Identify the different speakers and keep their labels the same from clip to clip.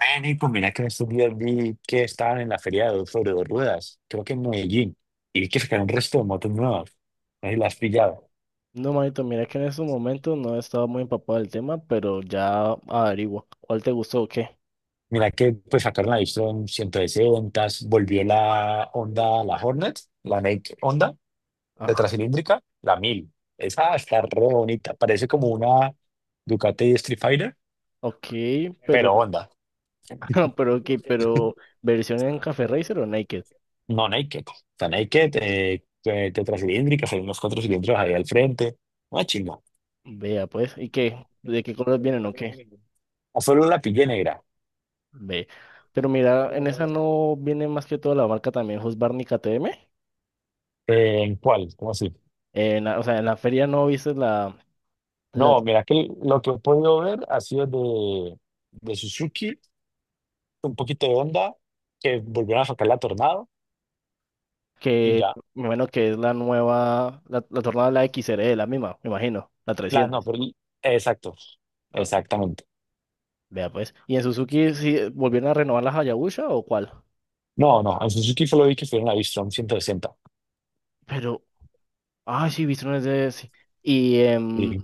Speaker 1: Nico, mira que en estos días vi que estaban en la feria de Dos Sobre Dos Ruedas, creo que en Medellín, y vi que sacaron un resto de motos nuevas. No sé si las has pillado.
Speaker 2: No, manito, mira que en estos momentos no he estado muy empapado del tema, pero ya averiguo cuál te gustó o qué.
Speaker 1: Mira que pues sacaron la Vision 160, volvió la Honda, la Hornet, la Naked Honda,
Speaker 2: Ah,
Speaker 1: tetracilíndrica, la mil. Esa está re bonita, parece como una Ducati Street Fighter,
Speaker 2: ok, pero,
Speaker 1: pero Honda.
Speaker 2: pero, ok, pero, ¿versión en Café Racer o Naked?
Speaker 1: No Naked, está Naked, tetracilíndrica, hay unos cuatro cilindros ahí al frente. Una chimba.
Speaker 2: Vea, pues, ¿y qué? ¿De qué colores vienen o qué?
Speaker 1: O solo la pillé negra.
Speaker 2: Ve. Pero mira, en esa no viene más que toda la marca también, Husqvarna KTM.
Speaker 1: ¿En cuál? ¿Cómo así?
Speaker 2: O sea, en la feria no viste la
Speaker 1: No, mira que lo que he podido ver ha sido de Suzuki, un poquito de Honda, que volvieron a sacar la Tornado y
Speaker 2: que,
Speaker 1: ya.
Speaker 2: me imagino que es la nueva, la tornada de la XR, la misma, me imagino, la
Speaker 1: La, no,
Speaker 2: 300.
Speaker 1: pero exacto, exactamente.
Speaker 2: Vea pues. ¿Y en Suzuki sí volvieron a renovar la Hayabusa o cuál?
Speaker 1: No, no, en Suzuki solo vi que fueron la V-Strom 160.
Speaker 2: Pero, ay, sí, Bridgestone es de, sí. Y em,
Speaker 1: Y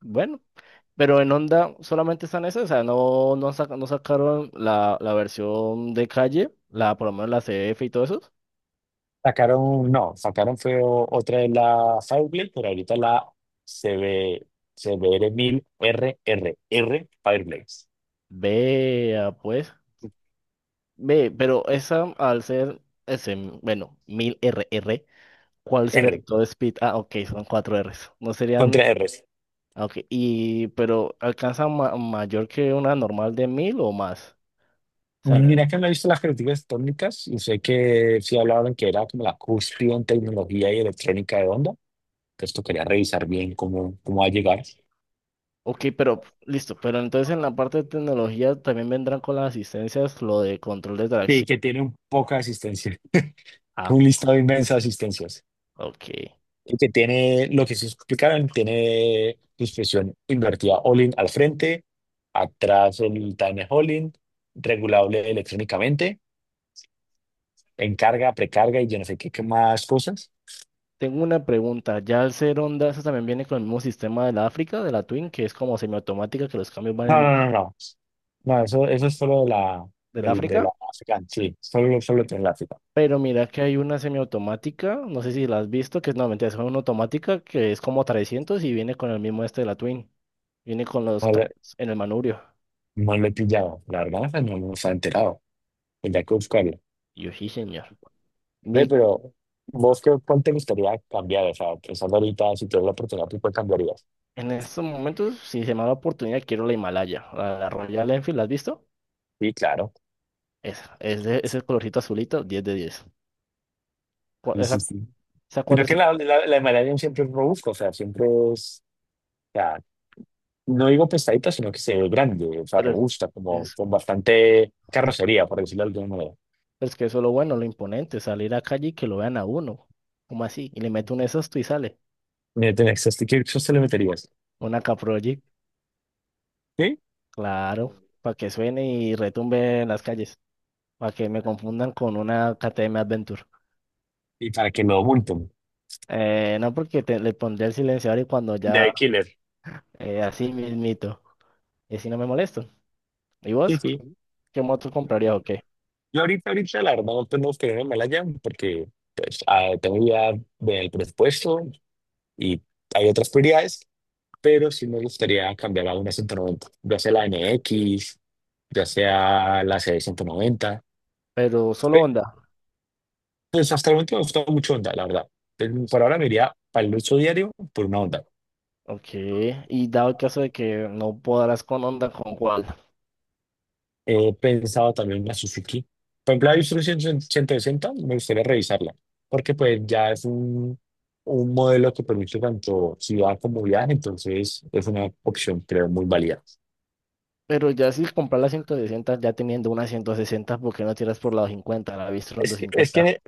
Speaker 2: bueno, pero en Honda solamente están esas, o sea, no, no, no sacaron la versión de calle, por lo menos la C F y todo eso.
Speaker 1: sacaron, no, sacaron fue otra de la Fireblade, pero ahorita la C C B C B R CB, R R rrr Fireblades.
Speaker 2: Vea pues. Ve, pero esa al ser ese, bueno, 1000 R R, ¿cuál sería todo speed? Ah, ok, son cuatro Rs. No
Speaker 1: No
Speaker 2: serían,
Speaker 1: tiene R's.
Speaker 2: ah, ok, y pero alcanza mayor que una normal de 1000 o más. O sea,
Speaker 1: Mira que me he visto las críticas técnicas y sé que sí hablaban que era como la cúspide en tecnología y electrónica de onda. Entonces tocaría revisar bien cómo va a llegar.
Speaker 2: ok, pero listo, pero entonces en la parte de tecnología también vendrán con las asistencias lo de control de
Speaker 1: Sí,
Speaker 2: tracción.
Speaker 1: que tiene un poca asistencia,
Speaker 2: Ah,
Speaker 1: un listado inmenso de asistencias.
Speaker 2: ok.
Speaker 1: Y que tiene, lo que se explicaron, tiene suspensión invertida all-in al frente, atrás el time all regulable electrónicamente, en carga, precarga y yo no sé qué, qué más cosas.
Speaker 2: Tengo una pregunta, ¿ya el ser Honda eso también viene con el mismo sistema de la África, de la Twin, que es como semiautomática, que los cambios van
Speaker 1: No,
Speaker 2: en,
Speaker 1: no, no, no. No, no, eso es solo de la,
Speaker 2: del
Speaker 1: del de la
Speaker 2: África?
Speaker 1: África, sí, solo tiene la África.
Speaker 2: Pero mira que hay una semiautomática, no sé si la has visto, que es, no, mentira, es una automática que es como 300 y viene con el mismo este de la Twin. Viene con los
Speaker 1: No le,
Speaker 2: cambios en el manubrio.
Speaker 1: no le he pillado, la verdad, esa no nos ha enterado.
Speaker 2: Y
Speaker 1: Tendría que buscarlo.
Speaker 2: y yo sí, señor.
Speaker 1: Ve,
Speaker 2: Mi
Speaker 1: pero vos, qué, ¿cuál te gustaría cambiar? O sea, pensando ahorita, si tuvieras la oportunidad, ¿tú cuál cambiarías?
Speaker 2: En estos momentos, si se me da la oportunidad, quiero la Himalaya, la Royal Enfield, ¿la has visto?
Speaker 1: Sí, claro.
Speaker 2: Esa, es de ese colorcito azulito, 10 de 10. Cu-
Speaker 1: Sí,
Speaker 2: Esa,
Speaker 1: sí, sí.
Speaker 2: esa
Speaker 1: Sino que
Speaker 2: 450,
Speaker 1: la de Malasia siempre es robusta, o sea, siempre es, o sea, no digo pesadita, sino que se ve grande, o sea,
Speaker 2: pero
Speaker 1: robusta, como
Speaker 2: es
Speaker 1: con bastante carrocería, por decirlo de alguna manera.
Speaker 2: es que eso es lo bueno, lo imponente, salir a calle y que lo vean a uno, como así, y le meto un esos y sale,
Speaker 1: Mira, tenés, este, ¿qué se le meterías?
Speaker 2: una Caproject,
Speaker 1: ¿Sí?
Speaker 2: claro, para que suene y retumbe en las calles, para que me confundan con una KTM Adventure.
Speaker 1: Y para que no multen.
Speaker 2: No, porque le pondré el silenciador y cuando ya,
Speaker 1: De Killer.
Speaker 2: así mismito, y así no me molesto. ¿Y
Speaker 1: Sí,
Speaker 2: vos?
Speaker 1: sí.
Speaker 2: ¿Qué moto comprarías o qué?
Speaker 1: Yo ahorita, la verdad, no tengo que me la llamo porque pues, tengo ya del presupuesto y hay otras prioridades, pero sí me gustaría cambiar a una 190, ya sea la NX, ya sea la C190.
Speaker 2: Pero solo Honda.
Speaker 1: Pues hasta el momento me ha gustado mucho Honda, la verdad. Entonces, por ahora me iría para el uso diario por una Honda.
Speaker 2: Ok. Y dado el caso de que no podrás con Honda, ¿con cuál?
Speaker 1: He pensado también en la Suzuki. Por ejemplo, la Isuzu 160 me gustaría revisarla, porque pues ya es un modelo que permite tanto ciudad como viaje, entonces es una opción, creo, muy válida.
Speaker 2: Pero ya si comprar la 160 ya teniendo una 160, ¿por qué no tiras por la 50? La Bistron
Speaker 1: Es que, es
Speaker 2: 50.
Speaker 1: que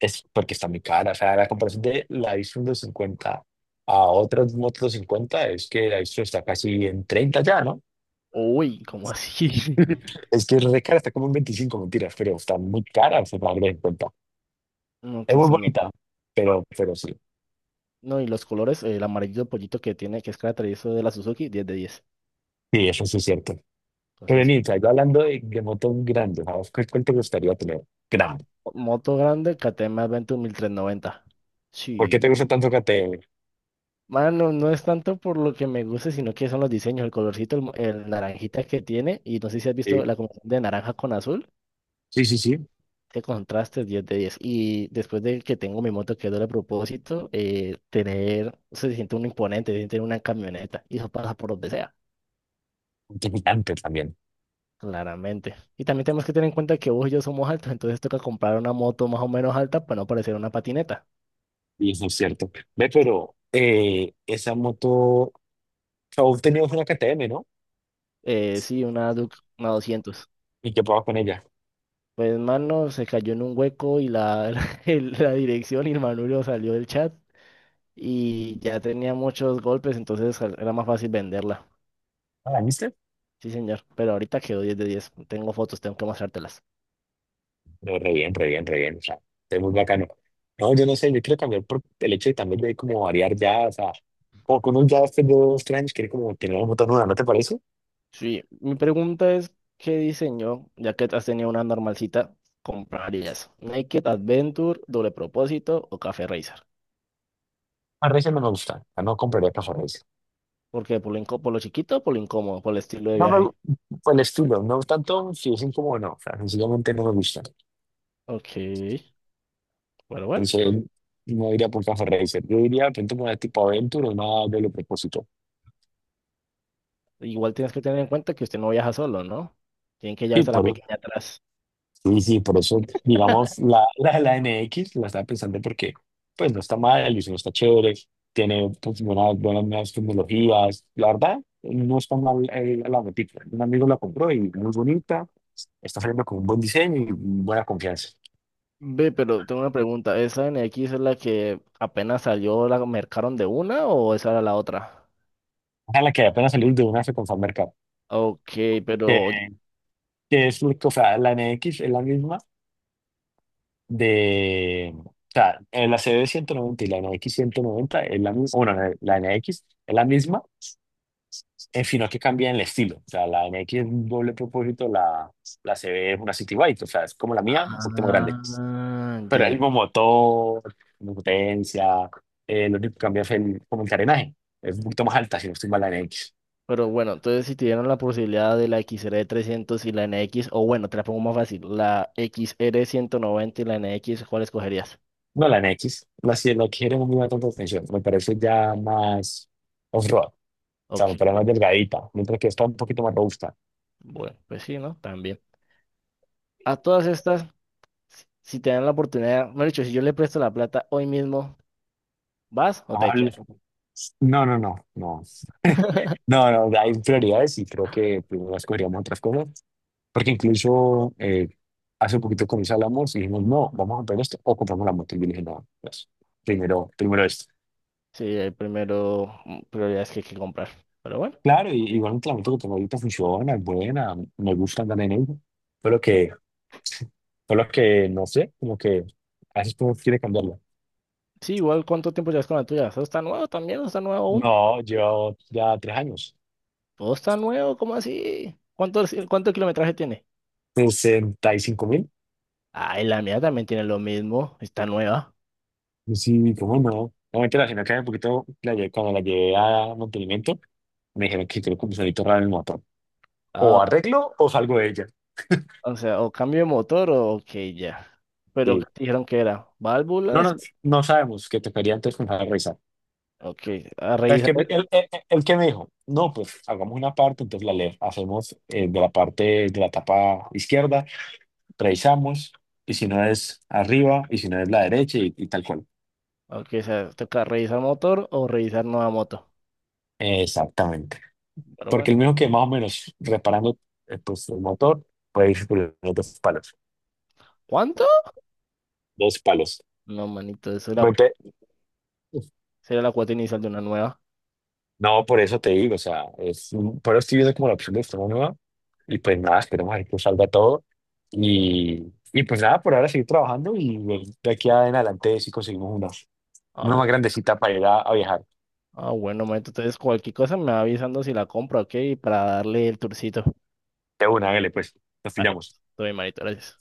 Speaker 1: es porque está muy cara, o sea, la comparación de la Isuzu 50 a otras motos 50 es que la Isuzu está casi en 30 ya, ¿no?
Speaker 2: Uy, ¿cómo así?
Speaker 1: Es que es re cara, está como en 25, mentiras, pero está muy cara, o sea, para darle en cuenta.
Speaker 2: No,
Speaker 1: Es muy
Speaker 2: entonces no.
Speaker 1: bonita, pero sí,
Speaker 2: No, y los colores, el amarillo pollito que tiene, que es característico de la Suzuki, 10 de 10.
Speaker 1: sí, eso sí es cierto.
Speaker 2: Entonces,
Speaker 1: Renita, yo hablando de motos grandes, ¿a vos cuál te gustaría tener? Grande.
Speaker 2: moto grande, KTM Adventure 1390.
Speaker 1: ¿Por qué
Speaker 2: Sí.
Speaker 1: te gusta tanto KTM?
Speaker 2: Mano, no es tanto por lo que me gusta, sino que son los diseños, el colorcito, el naranjita que tiene. Y no sé si has visto
Speaker 1: Sí,
Speaker 2: la combinación de naranja con azul.
Speaker 1: sí, sí, sí.
Speaker 2: Qué contraste, 10 de 10. Y después de que tengo mi moto que es doble propósito, tener, se siente un imponente, se siente una camioneta. Y eso pasa por donde sea,
Speaker 1: Gigante también.
Speaker 2: claramente. Y también tenemos que tener en cuenta que vos y yo somos altos, entonces toca comprar una moto más o menos alta para no parecer una patineta.
Speaker 1: Y eso es cierto. Ve, pero esa moto, aún tenías una KTM, ¿no?
Speaker 2: Sí, una Duke, una 200.
Speaker 1: ¿Y qué pasa con ella?
Speaker 2: Pues, mano, se cayó en un hueco y la, la dirección y el manubrio salió del chat y ya tenía muchos golpes, entonces era más fácil venderla.
Speaker 1: ¿Ah, La viste?
Speaker 2: Sí, señor, pero ahorita quedó 10 de 10. Tengo fotos, tengo que mostrártelas.
Speaker 1: No, re bien, re bien, re bien. O sea, es muy bacano. No, yo no sé, yo quiero cambiar por el hecho de también de como variar ya, o sea, como con un ya hace dos, tres años, quiere como tener una moto nueva, ¿no te parece?
Speaker 2: Sí, mi pregunta es, ¿qué diseño, ya que has tenido una normalcita, comprarías? ¿Naked Adventure, doble propósito o Café Racer?
Speaker 1: A Racer no me gusta, o sea, no compraría para.
Speaker 2: ¿Por qué? ¿Por lo chiquito o por lo incómodo? ¿Por el estilo de
Speaker 1: No me,
Speaker 2: viaje?
Speaker 1: gu- Por el estilo, no tanto si es incómodo o no, o sea, sencillamente no me gusta.
Speaker 2: Ok, bueno, bueno.
Speaker 1: Pensé, no iría por Café Racer, yo iría de pronto por una tipo Aventure o una doble propósito.
Speaker 2: Igual tienes que tener en cuenta que usted no viaja solo, ¿no? Tienen que
Speaker 1: Sí,
Speaker 2: llevarse a la
Speaker 1: por,
Speaker 2: pequeña atrás.
Speaker 1: sí, sí, por eso, digamos, la N X la estaba pensando porque, pues, no está mal, el diseño está chévere, tiene pues, buenas nuevas tecnologías, la verdad, no está mal la botica. Un amigo la compró y muy bonita, está saliendo con un buen diseño y buena confianza.
Speaker 2: Ve, pero tengo una pregunta. ¿Esa N X es la que apenas salió, la mercaron de una o esa era la otra?
Speaker 1: Ojalá que apenas salir de una se con Fan Mercado.
Speaker 2: Ok, pero.
Speaker 1: Que es, o sea, la N X es la misma de, o sea, la CB 190 y la N X 190 es la misma, bueno, la N X es la misma, en fin, no que cambia el estilo, o sea, la N X es un doble propósito, la, C CB es una City Bike, o sea, es como la mía, un poquito más grande,
Speaker 2: Ah,
Speaker 1: pero
Speaker 2: ya.
Speaker 1: el
Speaker 2: Ya.
Speaker 1: mismo motor, misma potencia, lo único que cambia es el, como el carenaje, es un poquito más alta, si no estoy mal, la N X.
Speaker 2: Pero bueno, entonces si te dieron la posibilidad de la X xr 300 y la N X, o bueno, te la pongo más fácil, la X R 190 y la N X, ¿cuál escogerías?
Speaker 1: No, la N NX, la, la que era muy buena tanta atención, me parece ya más off-road. Claro,
Speaker 2: Ok,
Speaker 1: pero más delgadita, mientras que esta un poquito más robusta.
Speaker 2: bueno, pues sí, ¿no? También. A todas estas, si te dan la oportunidad, mejor dicho, si yo le presto la plata hoy mismo, ¿vas o te
Speaker 1: Amable.
Speaker 2: quedas?
Speaker 1: No, no, no, no. No, no, hay prioridades y creo que primero escogeríamos otras cosas, porque incluso hace poquito con mis hablamos y dijimos, no, vamos a comprar esto o compramos la moto. Y yo le dije, no, pues, primero esto.
Speaker 2: Sí, hay primero prioridades que hay que comprar. Pero bueno,
Speaker 1: Claro, y igualmente la moto que tengo ahorita funciona, es buena, me gusta andar en ella, pero que, solo que, no sé, como que a veces uno quiere cambiarla.
Speaker 2: sí, igual, ¿cuánto tiempo llevas con la tuya? ¿Todo está nuevo también? ¿No está nuevo aún?
Speaker 1: No, llevo ya 3 años,
Speaker 2: ¿Todo está nuevo? ¿Cómo así? Sí, cuánto kilometraje tiene?
Speaker 1: 65.000.
Speaker 2: Ay, la mía también tiene lo mismo. Está nueva.
Speaker 1: Sí, cómo no. Obviamente la señora que hace poquito, cuando la llevé a mantenimiento, me dijeron que creo que un sonito raro en el motor. O
Speaker 2: Ah,
Speaker 1: arreglo o salgo de ella.
Speaker 2: o sea, o cambio de motor o ok, ya. Pero ¿qué
Speaker 1: Sí.
Speaker 2: te dijeron que era?
Speaker 1: No,
Speaker 2: ¿Válvulas?
Speaker 1: no, no sabemos que tocaría antes comenzar a revisar.
Speaker 2: Ok, a
Speaker 1: ¿Sabes qué me-?
Speaker 2: revisar.
Speaker 1: El que me dijo, no, pues hagamos una parte, entonces la le hacemos de la parte de la tapa izquierda, revisamos, y si no es arriba, y si no es la derecha, y tal cual.
Speaker 2: Ok, o sea, toca revisar motor o revisar nueva moto.
Speaker 1: Exactamente.
Speaker 2: Pero
Speaker 1: Porque
Speaker 2: bueno.
Speaker 1: el mismo que más o menos reparando pues, el motor, puede ir por los dos palos.
Speaker 2: ¿Cuánto?
Speaker 1: Dos palos.
Speaker 2: No, manito,
Speaker 1: Me pe-.
Speaker 2: será la cuota inicial de una nueva.
Speaker 1: No, por eso te digo, o sea, es, pero estoy viendo como la opción de esta nueva y pues nada, esperemos a ver que salga todo y, y pues nada, por ahora seguir trabajando y de aquí en adelante sí conseguimos una,
Speaker 2: Ah,
Speaker 1: una
Speaker 2: bu-
Speaker 1: más grandecita para ir a viajar.
Speaker 2: bueno, manito, entonces cualquier cosa me va avisando si la compro, ¿ok? Para darle el tourcito.
Speaker 1: De una, hágale pues, nos
Speaker 2: Vale,
Speaker 1: pillamos.
Speaker 2: todo bien, manito, gracias.